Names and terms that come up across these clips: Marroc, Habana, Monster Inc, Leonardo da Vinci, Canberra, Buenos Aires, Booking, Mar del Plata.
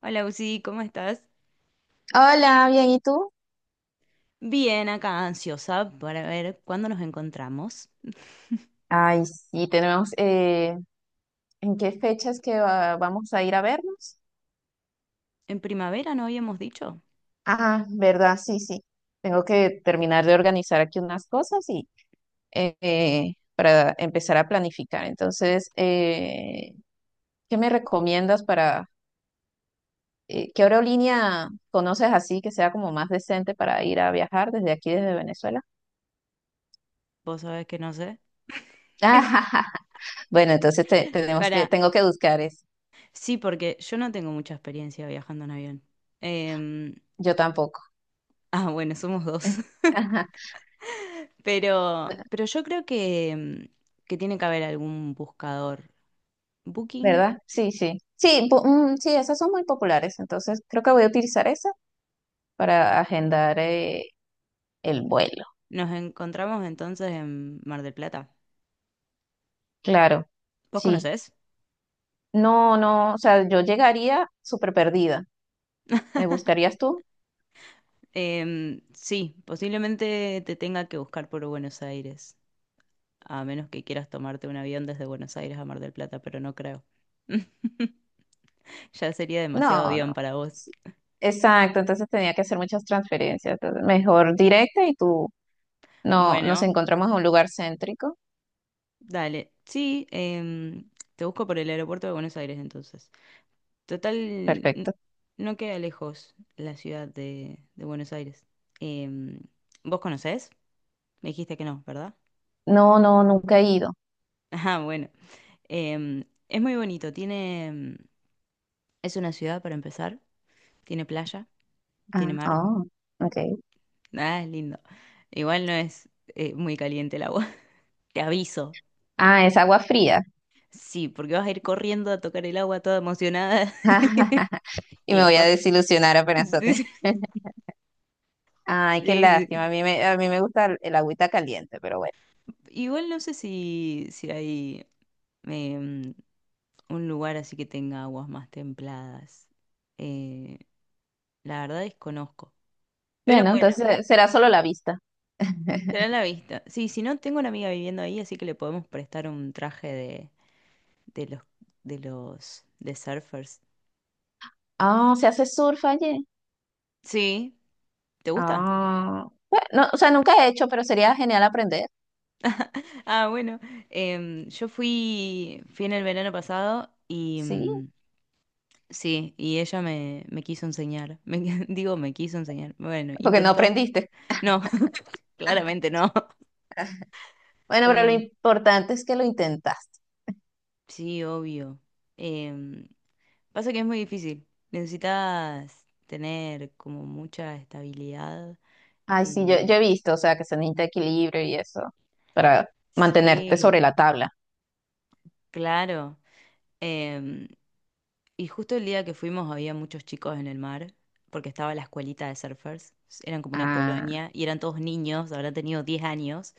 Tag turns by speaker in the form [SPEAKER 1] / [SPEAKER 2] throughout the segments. [SPEAKER 1] Hola, Uzi, ¿cómo estás?
[SPEAKER 2] Hola, bien, ¿y tú?
[SPEAKER 1] Bien, acá ansiosa para ver cuándo nos encontramos.
[SPEAKER 2] Ay, sí, tenemos, ¿en qué fechas que vamos a ir a vernos?
[SPEAKER 1] En primavera no habíamos dicho.
[SPEAKER 2] Ah, verdad, sí, sí. Tengo que terminar de organizar aquí unas cosas y para empezar a planificar. Entonces, ¿qué me recomiendas para, qué aerolínea conoces así que sea como más decente para ir a viajar desde aquí, desde Venezuela?
[SPEAKER 1] Vos sabés que no sé.
[SPEAKER 2] Bueno, entonces tenemos que,
[SPEAKER 1] Para,
[SPEAKER 2] tengo que buscar eso.
[SPEAKER 1] sí, porque yo no tengo mucha experiencia viajando en avión. Em,
[SPEAKER 2] Yo tampoco.
[SPEAKER 1] ah, bueno, somos dos. Pero yo creo que, que tiene que haber algún buscador. Booking.
[SPEAKER 2] ¿Verdad? Sí, sí. Sí, sí, esas son muy populares, entonces creo que voy a utilizar esa para agendar el vuelo.
[SPEAKER 1] Nos encontramos entonces en Mar del Plata.
[SPEAKER 2] Claro,
[SPEAKER 1] ¿Vos
[SPEAKER 2] sí.
[SPEAKER 1] conocés?
[SPEAKER 2] No, no, o sea, yo llegaría súper perdida. ¿Me buscarías tú?
[SPEAKER 1] Sí, posiblemente te tenga que buscar por Buenos Aires, a menos que quieras tomarte un avión desde Buenos Aires a Mar del Plata, pero no creo. Ya sería demasiado
[SPEAKER 2] No,
[SPEAKER 1] avión
[SPEAKER 2] no.
[SPEAKER 1] para vos.
[SPEAKER 2] Sí, exacto, entonces tenía que hacer muchas transferencias, entonces mejor directa y tú no nos
[SPEAKER 1] Bueno,
[SPEAKER 2] encontramos en un lugar céntrico.
[SPEAKER 1] dale. Sí, te busco por el aeropuerto de Buenos Aires entonces. Total, n-
[SPEAKER 2] Perfecto.
[SPEAKER 1] no queda lejos la ciudad de Buenos Aires. Em, ¿Vos conocés? Me dijiste que no, ¿verdad?
[SPEAKER 2] No, no, nunca he ido.
[SPEAKER 1] Ah, bueno. Es muy bonito. Tiene, es una ciudad para empezar. Tiene playa, tiene
[SPEAKER 2] Ah,
[SPEAKER 1] mar.
[SPEAKER 2] oh, ok.
[SPEAKER 1] Nada, es lindo. Igual no es muy caliente el agua. Te aviso.
[SPEAKER 2] Ah, es agua fría.
[SPEAKER 1] Sí, porque vas a ir corriendo a tocar el agua toda emocionada.
[SPEAKER 2] Y
[SPEAKER 1] Y
[SPEAKER 2] me voy a
[SPEAKER 1] después.
[SPEAKER 2] desilusionar apenas toque.
[SPEAKER 1] Sí,
[SPEAKER 2] Ay, qué
[SPEAKER 1] sí,
[SPEAKER 2] lástima.
[SPEAKER 1] sí.
[SPEAKER 2] A mí me gusta el agüita caliente, pero bueno.
[SPEAKER 1] Igual no sé si hay em, un lugar así que tenga aguas más templadas. Eh, la verdad desconozco. Pero
[SPEAKER 2] Bueno,
[SPEAKER 1] bueno,
[SPEAKER 2] entonces será solo la vista.
[SPEAKER 1] será la vista. Sí, si no, tengo una amiga viviendo ahí, así que le podemos prestar un traje de de los, de surfers.
[SPEAKER 2] Ah, se hace surf allí.
[SPEAKER 1] Sí, ¿te gusta?
[SPEAKER 2] Ah, bueno, no, o sea, nunca he hecho, pero sería genial aprender.
[SPEAKER 1] Ah, bueno, yo fui en el verano pasado y
[SPEAKER 2] Sí,
[SPEAKER 1] sí, y ella me quiso enseñar. Digo, me quiso enseñar. Bueno,
[SPEAKER 2] porque no
[SPEAKER 1] intentó.
[SPEAKER 2] aprendiste.
[SPEAKER 1] No, claramente no.
[SPEAKER 2] Bueno, pero lo
[SPEAKER 1] Em,
[SPEAKER 2] importante es que lo intentaste.
[SPEAKER 1] sí, obvio. Em, pasa que es muy difícil. Necesitas tener como mucha estabilidad.
[SPEAKER 2] Ay, sí, yo,
[SPEAKER 1] Em,
[SPEAKER 2] yo he visto, o sea, que se necesita equilibrio y eso para mantenerte
[SPEAKER 1] sí,
[SPEAKER 2] sobre la tabla.
[SPEAKER 1] claro. Em, y justo el día que fuimos había muchos chicos en el mar, porque estaba la escuelita de surfers, eran como una
[SPEAKER 2] Ah,
[SPEAKER 1] colonia y eran todos niños, habrán tenido 10 años,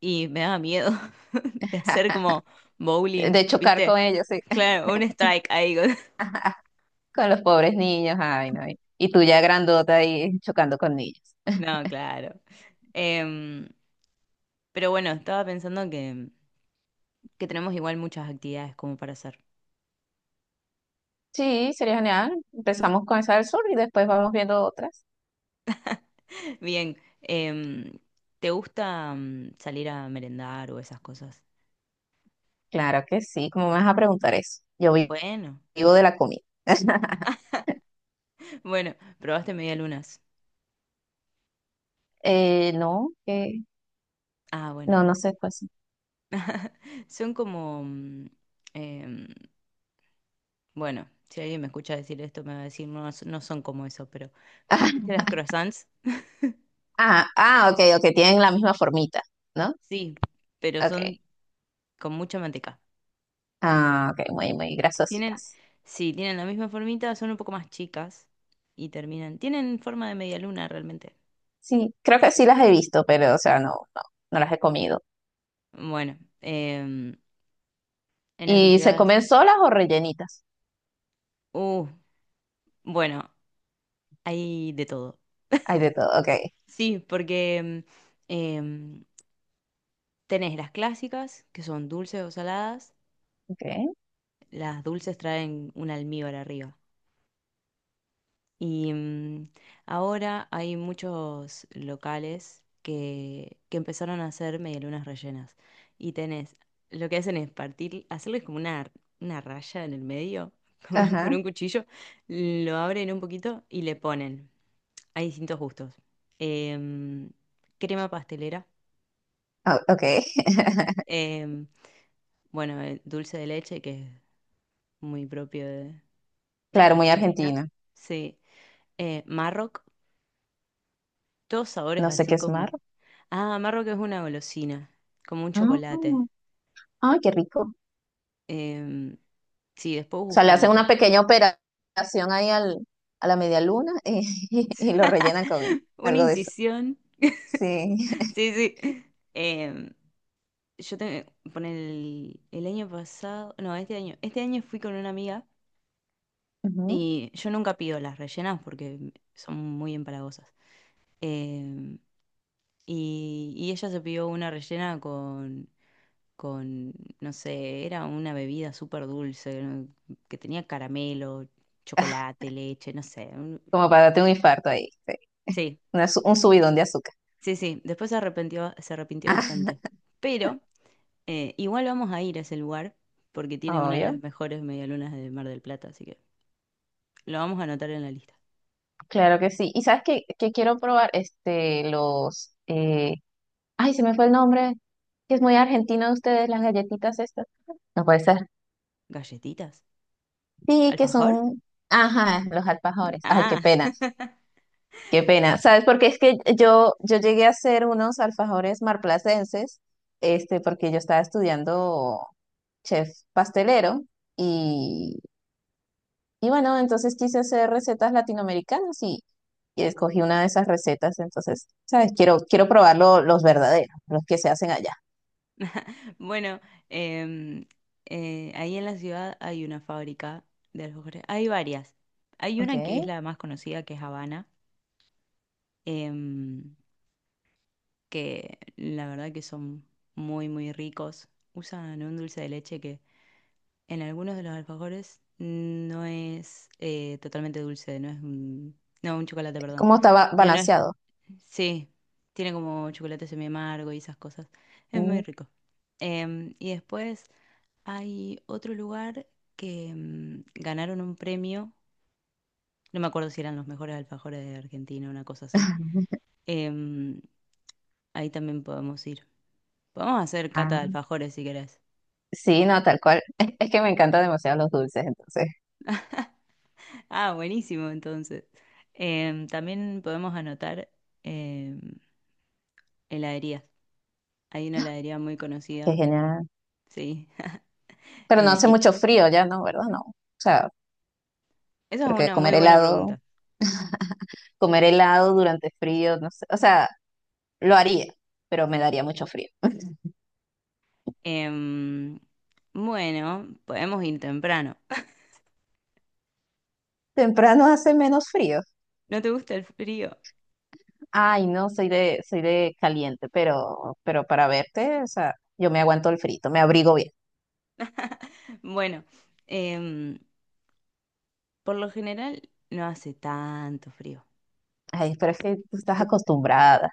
[SPEAKER 1] y me daba miedo de hacer como bowling,
[SPEAKER 2] de chocar
[SPEAKER 1] ¿viste?
[SPEAKER 2] con ellos, sí.
[SPEAKER 1] Claro, un strike ahí.
[SPEAKER 2] Con los pobres niños, ay, no. Y tú ya grandota ahí chocando con niños.
[SPEAKER 1] No, claro. Em, pero bueno, estaba pensando que tenemos igual muchas actividades como para hacer.
[SPEAKER 2] Sí, sería genial. Empezamos con esa del sur y después vamos viendo otras.
[SPEAKER 1] Bien, em, ¿te gusta mm, salir a merendar o esas cosas?
[SPEAKER 2] Claro que sí, ¿cómo me vas a preguntar eso?
[SPEAKER 1] Bueno,
[SPEAKER 2] Vivo de la comida.
[SPEAKER 1] bueno, probaste medialunas.
[SPEAKER 2] No, que
[SPEAKER 1] Ah, bueno.
[SPEAKER 2] no, no sé cuál es.
[SPEAKER 1] Son como, em, bueno, si alguien me escucha decir esto me va a decir, no, no son como eso, pero ¿viste las croissants?
[SPEAKER 2] Ah, ah, ok, ok, tienen la misma formita, ¿no?
[SPEAKER 1] Sí, pero
[SPEAKER 2] Ok.
[SPEAKER 1] son con mucha manteca.
[SPEAKER 2] Ah, ok, muy, muy
[SPEAKER 1] Tienen,
[SPEAKER 2] grasositas.
[SPEAKER 1] sí, tienen la misma formita, son un poco más chicas y terminan, tienen forma de media luna realmente.
[SPEAKER 2] Sí, creo que sí las he visto, pero, o sea, no, no las he comido.
[SPEAKER 1] Bueno, en esas
[SPEAKER 2] ¿Y se
[SPEAKER 1] ciudades,
[SPEAKER 2] comen solas o rellenitas?
[SPEAKER 1] uh, bueno, hay de todo.
[SPEAKER 2] Hay de todo, ok.
[SPEAKER 1] Sí, porque em, tenés las clásicas, que son dulces o saladas.
[SPEAKER 2] Ok,
[SPEAKER 1] Las dulces traen un almíbar arriba. Y ahora hay muchos locales que empezaron a hacer medialunas rellenas. Y tenés, lo que hacen es partir, hacerles como una raya en el medio con
[SPEAKER 2] ajá,
[SPEAKER 1] un cuchillo, lo abren un poquito y le ponen. Hay distintos gustos. Em, crema pastelera.
[SPEAKER 2] ah, ok.
[SPEAKER 1] em, bueno, dulce de leche, que es muy propio de
[SPEAKER 2] Claro, muy
[SPEAKER 1] Argentina.
[SPEAKER 2] argentina.
[SPEAKER 1] Sí. Marroc, todos sabores
[SPEAKER 2] No sé
[SPEAKER 1] así
[SPEAKER 2] qué es mar.
[SPEAKER 1] como... Ah, amargo que es una golosina, como un chocolate.
[SPEAKER 2] Ay, qué rico.
[SPEAKER 1] Em, sí, después
[SPEAKER 2] O sea, le
[SPEAKER 1] búscalo.
[SPEAKER 2] hacen una
[SPEAKER 1] Porque...
[SPEAKER 2] pequeña operación ahí al, a la media luna y, y lo rellenan con
[SPEAKER 1] una
[SPEAKER 2] algo de eso.
[SPEAKER 1] incisión.
[SPEAKER 2] Sí.
[SPEAKER 1] Sí, sí. Em, yo te, por el año pasado, no, este año fui con una amiga
[SPEAKER 2] Ujú.
[SPEAKER 1] y yo nunca pido las rellenas porque son muy empalagosas. Em, y ella se pidió una rellena con no sé, era una bebida súper dulce, ¿no? Que tenía caramelo, chocolate, leche, no sé.
[SPEAKER 2] Como para darte un infarto ahí, sí.
[SPEAKER 1] Sí,
[SPEAKER 2] Un subidón de azúcar.
[SPEAKER 1] sí, sí, después se arrepintió bastante. Pero igual vamos a ir a ese lugar porque tiene
[SPEAKER 2] Ah,
[SPEAKER 1] una de
[SPEAKER 2] obvio.
[SPEAKER 1] las mejores medialunas de Mar del Plata, así que lo vamos a anotar en la lista.
[SPEAKER 2] Claro que sí. ¿Y sabes qué, qué quiero probar? Este, los... ay, se me fue el nombre. Que es muy argentino de ustedes, las galletitas estas. No puede ser.
[SPEAKER 1] ¿Galletitas?
[SPEAKER 2] Sí, que
[SPEAKER 1] ¿Alfajor?
[SPEAKER 2] son... Ajá, los alfajores. Ay, qué
[SPEAKER 1] Ah,
[SPEAKER 2] pena. Qué pena, ¿sabes? Porque es que yo llegué a hacer unos alfajores marplacenses, este, porque yo estaba estudiando chef pastelero y, y bueno, entonces quise hacer recetas latinoamericanas y escogí una de esas recetas, entonces, ¿sabes? Quiero, quiero probar los verdaderos, los que se hacen allá.
[SPEAKER 1] bueno, em, ahí en la ciudad hay una fábrica de alfajores. Hay varias. Hay una que
[SPEAKER 2] Okay.
[SPEAKER 1] es la más conocida, que es Habana, em, que la verdad que son muy, muy ricos. Usan un dulce de leche que en algunos de los alfajores no es totalmente dulce, no es un, no, un chocolate, perdón.
[SPEAKER 2] ¿Cómo estaba
[SPEAKER 1] Que no es,
[SPEAKER 2] balanceado?
[SPEAKER 1] sí, tiene como chocolate semi amargo y esas cosas. Es muy
[SPEAKER 2] Mm,
[SPEAKER 1] rico. Y después hay otro lugar que ganaron un premio. No me acuerdo si eran los mejores alfajores de Argentina, una cosa así. Em, ahí también podemos ir. Podemos hacer cata de
[SPEAKER 2] ah,
[SPEAKER 1] alfajores si querés.
[SPEAKER 2] sí, no, tal cual. Es que me encantan demasiado los dulces, entonces,
[SPEAKER 1] Ah, buenísimo, entonces. También podemos anotar em, heladerías. Hay una heladería muy
[SPEAKER 2] qué
[SPEAKER 1] conocida,
[SPEAKER 2] genial.
[SPEAKER 1] sí.
[SPEAKER 2] Pero no hace
[SPEAKER 1] Y
[SPEAKER 2] mucho frío ya, ¿no? ¿Verdad? No, o sea,
[SPEAKER 1] esa es
[SPEAKER 2] porque
[SPEAKER 1] una muy buena pregunta.
[SPEAKER 2] comer helado durante frío, no sé, o sea, lo haría, pero me daría mucho frío.
[SPEAKER 1] Em, bueno, podemos ir temprano.
[SPEAKER 2] Temprano hace menos frío.
[SPEAKER 1] ¿No te gusta el frío?
[SPEAKER 2] Ay, no, soy de caliente, pero para verte, o sea, yo me aguanto el frito, me abrigo bien.
[SPEAKER 1] Bueno, em, por lo general no hace tanto frío.
[SPEAKER 2] Ay, pero es que tú estás
[SPEAKER 1] Te-
[SPEAKER 2] acostumbrada.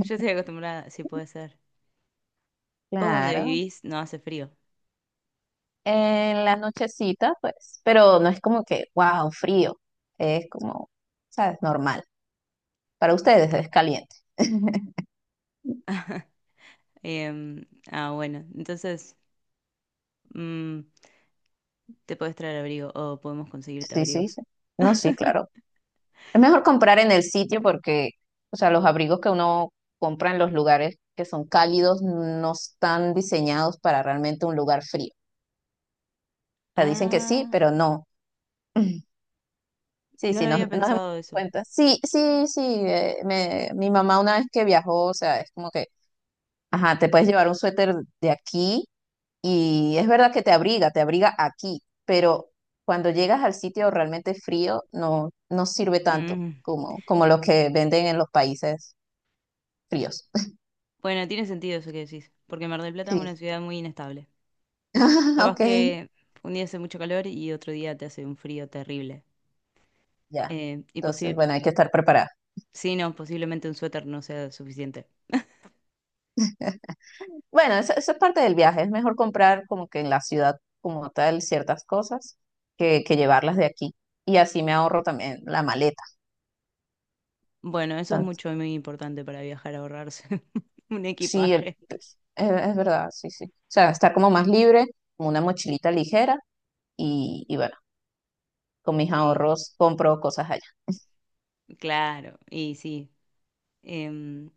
[SPEAKER 1] yo estoy acostumbrada, si puede ser. Vos donde
[SPEAKER 2] Claro.
[SPEAKER 1] vivís no hace frío.
[SPEAKER 2] En la nochecita, pues, pero no es como que, wow, frío. Es como, sabes, normal. Para ustedes es caliente.
[SPEAKER 1] Em, ah, bueno, entonces... mm, te puedes traer abrigo o podemos conseguirte
[SPEAKER 2] Sí, sí,
[SPEAKER 1] abrigos.
[SPEAKER 2] sí. No, sí, claro. Es mejor comprar en el sitio porque, o sea, los abrigos que uno compra en los lugares que son cálidos no están diseñados para realmente un lugar frío. O sea, dicen que sí,
[SPEAKER 1] Ah,
[SPEAKER 2] pero no. Sí,
[SPEAKER 1] no
[SPEAKER 2] sí,
[SPEAKER 1] lo había
[SPEAKER 2] nos hemos dado
[SPEAKER 1] pensado eso.
[SPEAKER 2] cuenta. Sí, sí, sí. Mi mamá una vez que viajó, o sea, es como que, ajá, te puedes llevar un suéter de aquí y es verdad que te abriga aquí, pero cuando llegas al sitio realmente frío, no, no sirve tanto
[SPEAKER 1] Mm,
[SPEAKER 2] como, como los que venden en los países fríos.
[SPEAKER 1] bueno, tiene sentido eso que decís, porque Mar del Plata es una
[SPEAKER 2] Sí,
[SPEAKER 1] ciudad muy inestable. Capaz
[SPEAKER 2] ok,
[SPEAKER 1] que un día hace mucho calor y otro día te hace un frío terrible.
[SPEAKER 2] ya.
[SPEAKER 1] Y
[SPEAKER 2] Entonces, bueno, hay que estar preparada.
[SPEAKER 1] sí, no, posiblemente un suéter no sea suficiente.
[SPEAKER 2] Bueno, eso es parte del viaje. Es mejor comprar como que en la ciudad como tal ciertas cosas que llevarlas de aquí. Y así me ahorro también la maleta.
[SPEAKER 1] Bueno, eso es
[SPEAKER 2] Tanto-
[SPEAKER 1] mucho y muy importante para viajar, ahorrarse un
[SPEAKER 2] sí, el-
[SPEAKER 1] equipaje.
[SPEAKER 2] pues, es verdad, sí, sí. O sea, estar como más libre, como una mochilita ligera y bueno, con mis
[SPEAKER 1] Sí,
[SPEAKER 2] ahorros compro cosas allá.
[SPEAKER 1] claro, y sí. Em,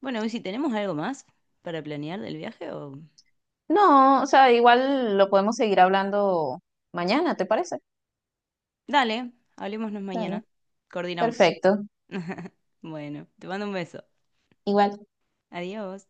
[SPEAKER 1] bueno, ¿y si tenemos algo más para planear del viaje o...?
[SPEAKER 2] No, o sea, igual lo podemos seguir hablando mañana, ¿te parece?
[SPEAKER 1] Dale, hablémonos
[SPEAKER 2] Dale,
[SPEAKER 1] mañana. Coordinamos.
[SPEAKER 2] perfecto.
[SPEAKER 1] Bueno, te mando un beso.
[SPEAKER 2] Igual.
[SPEAKER 1] Adiós.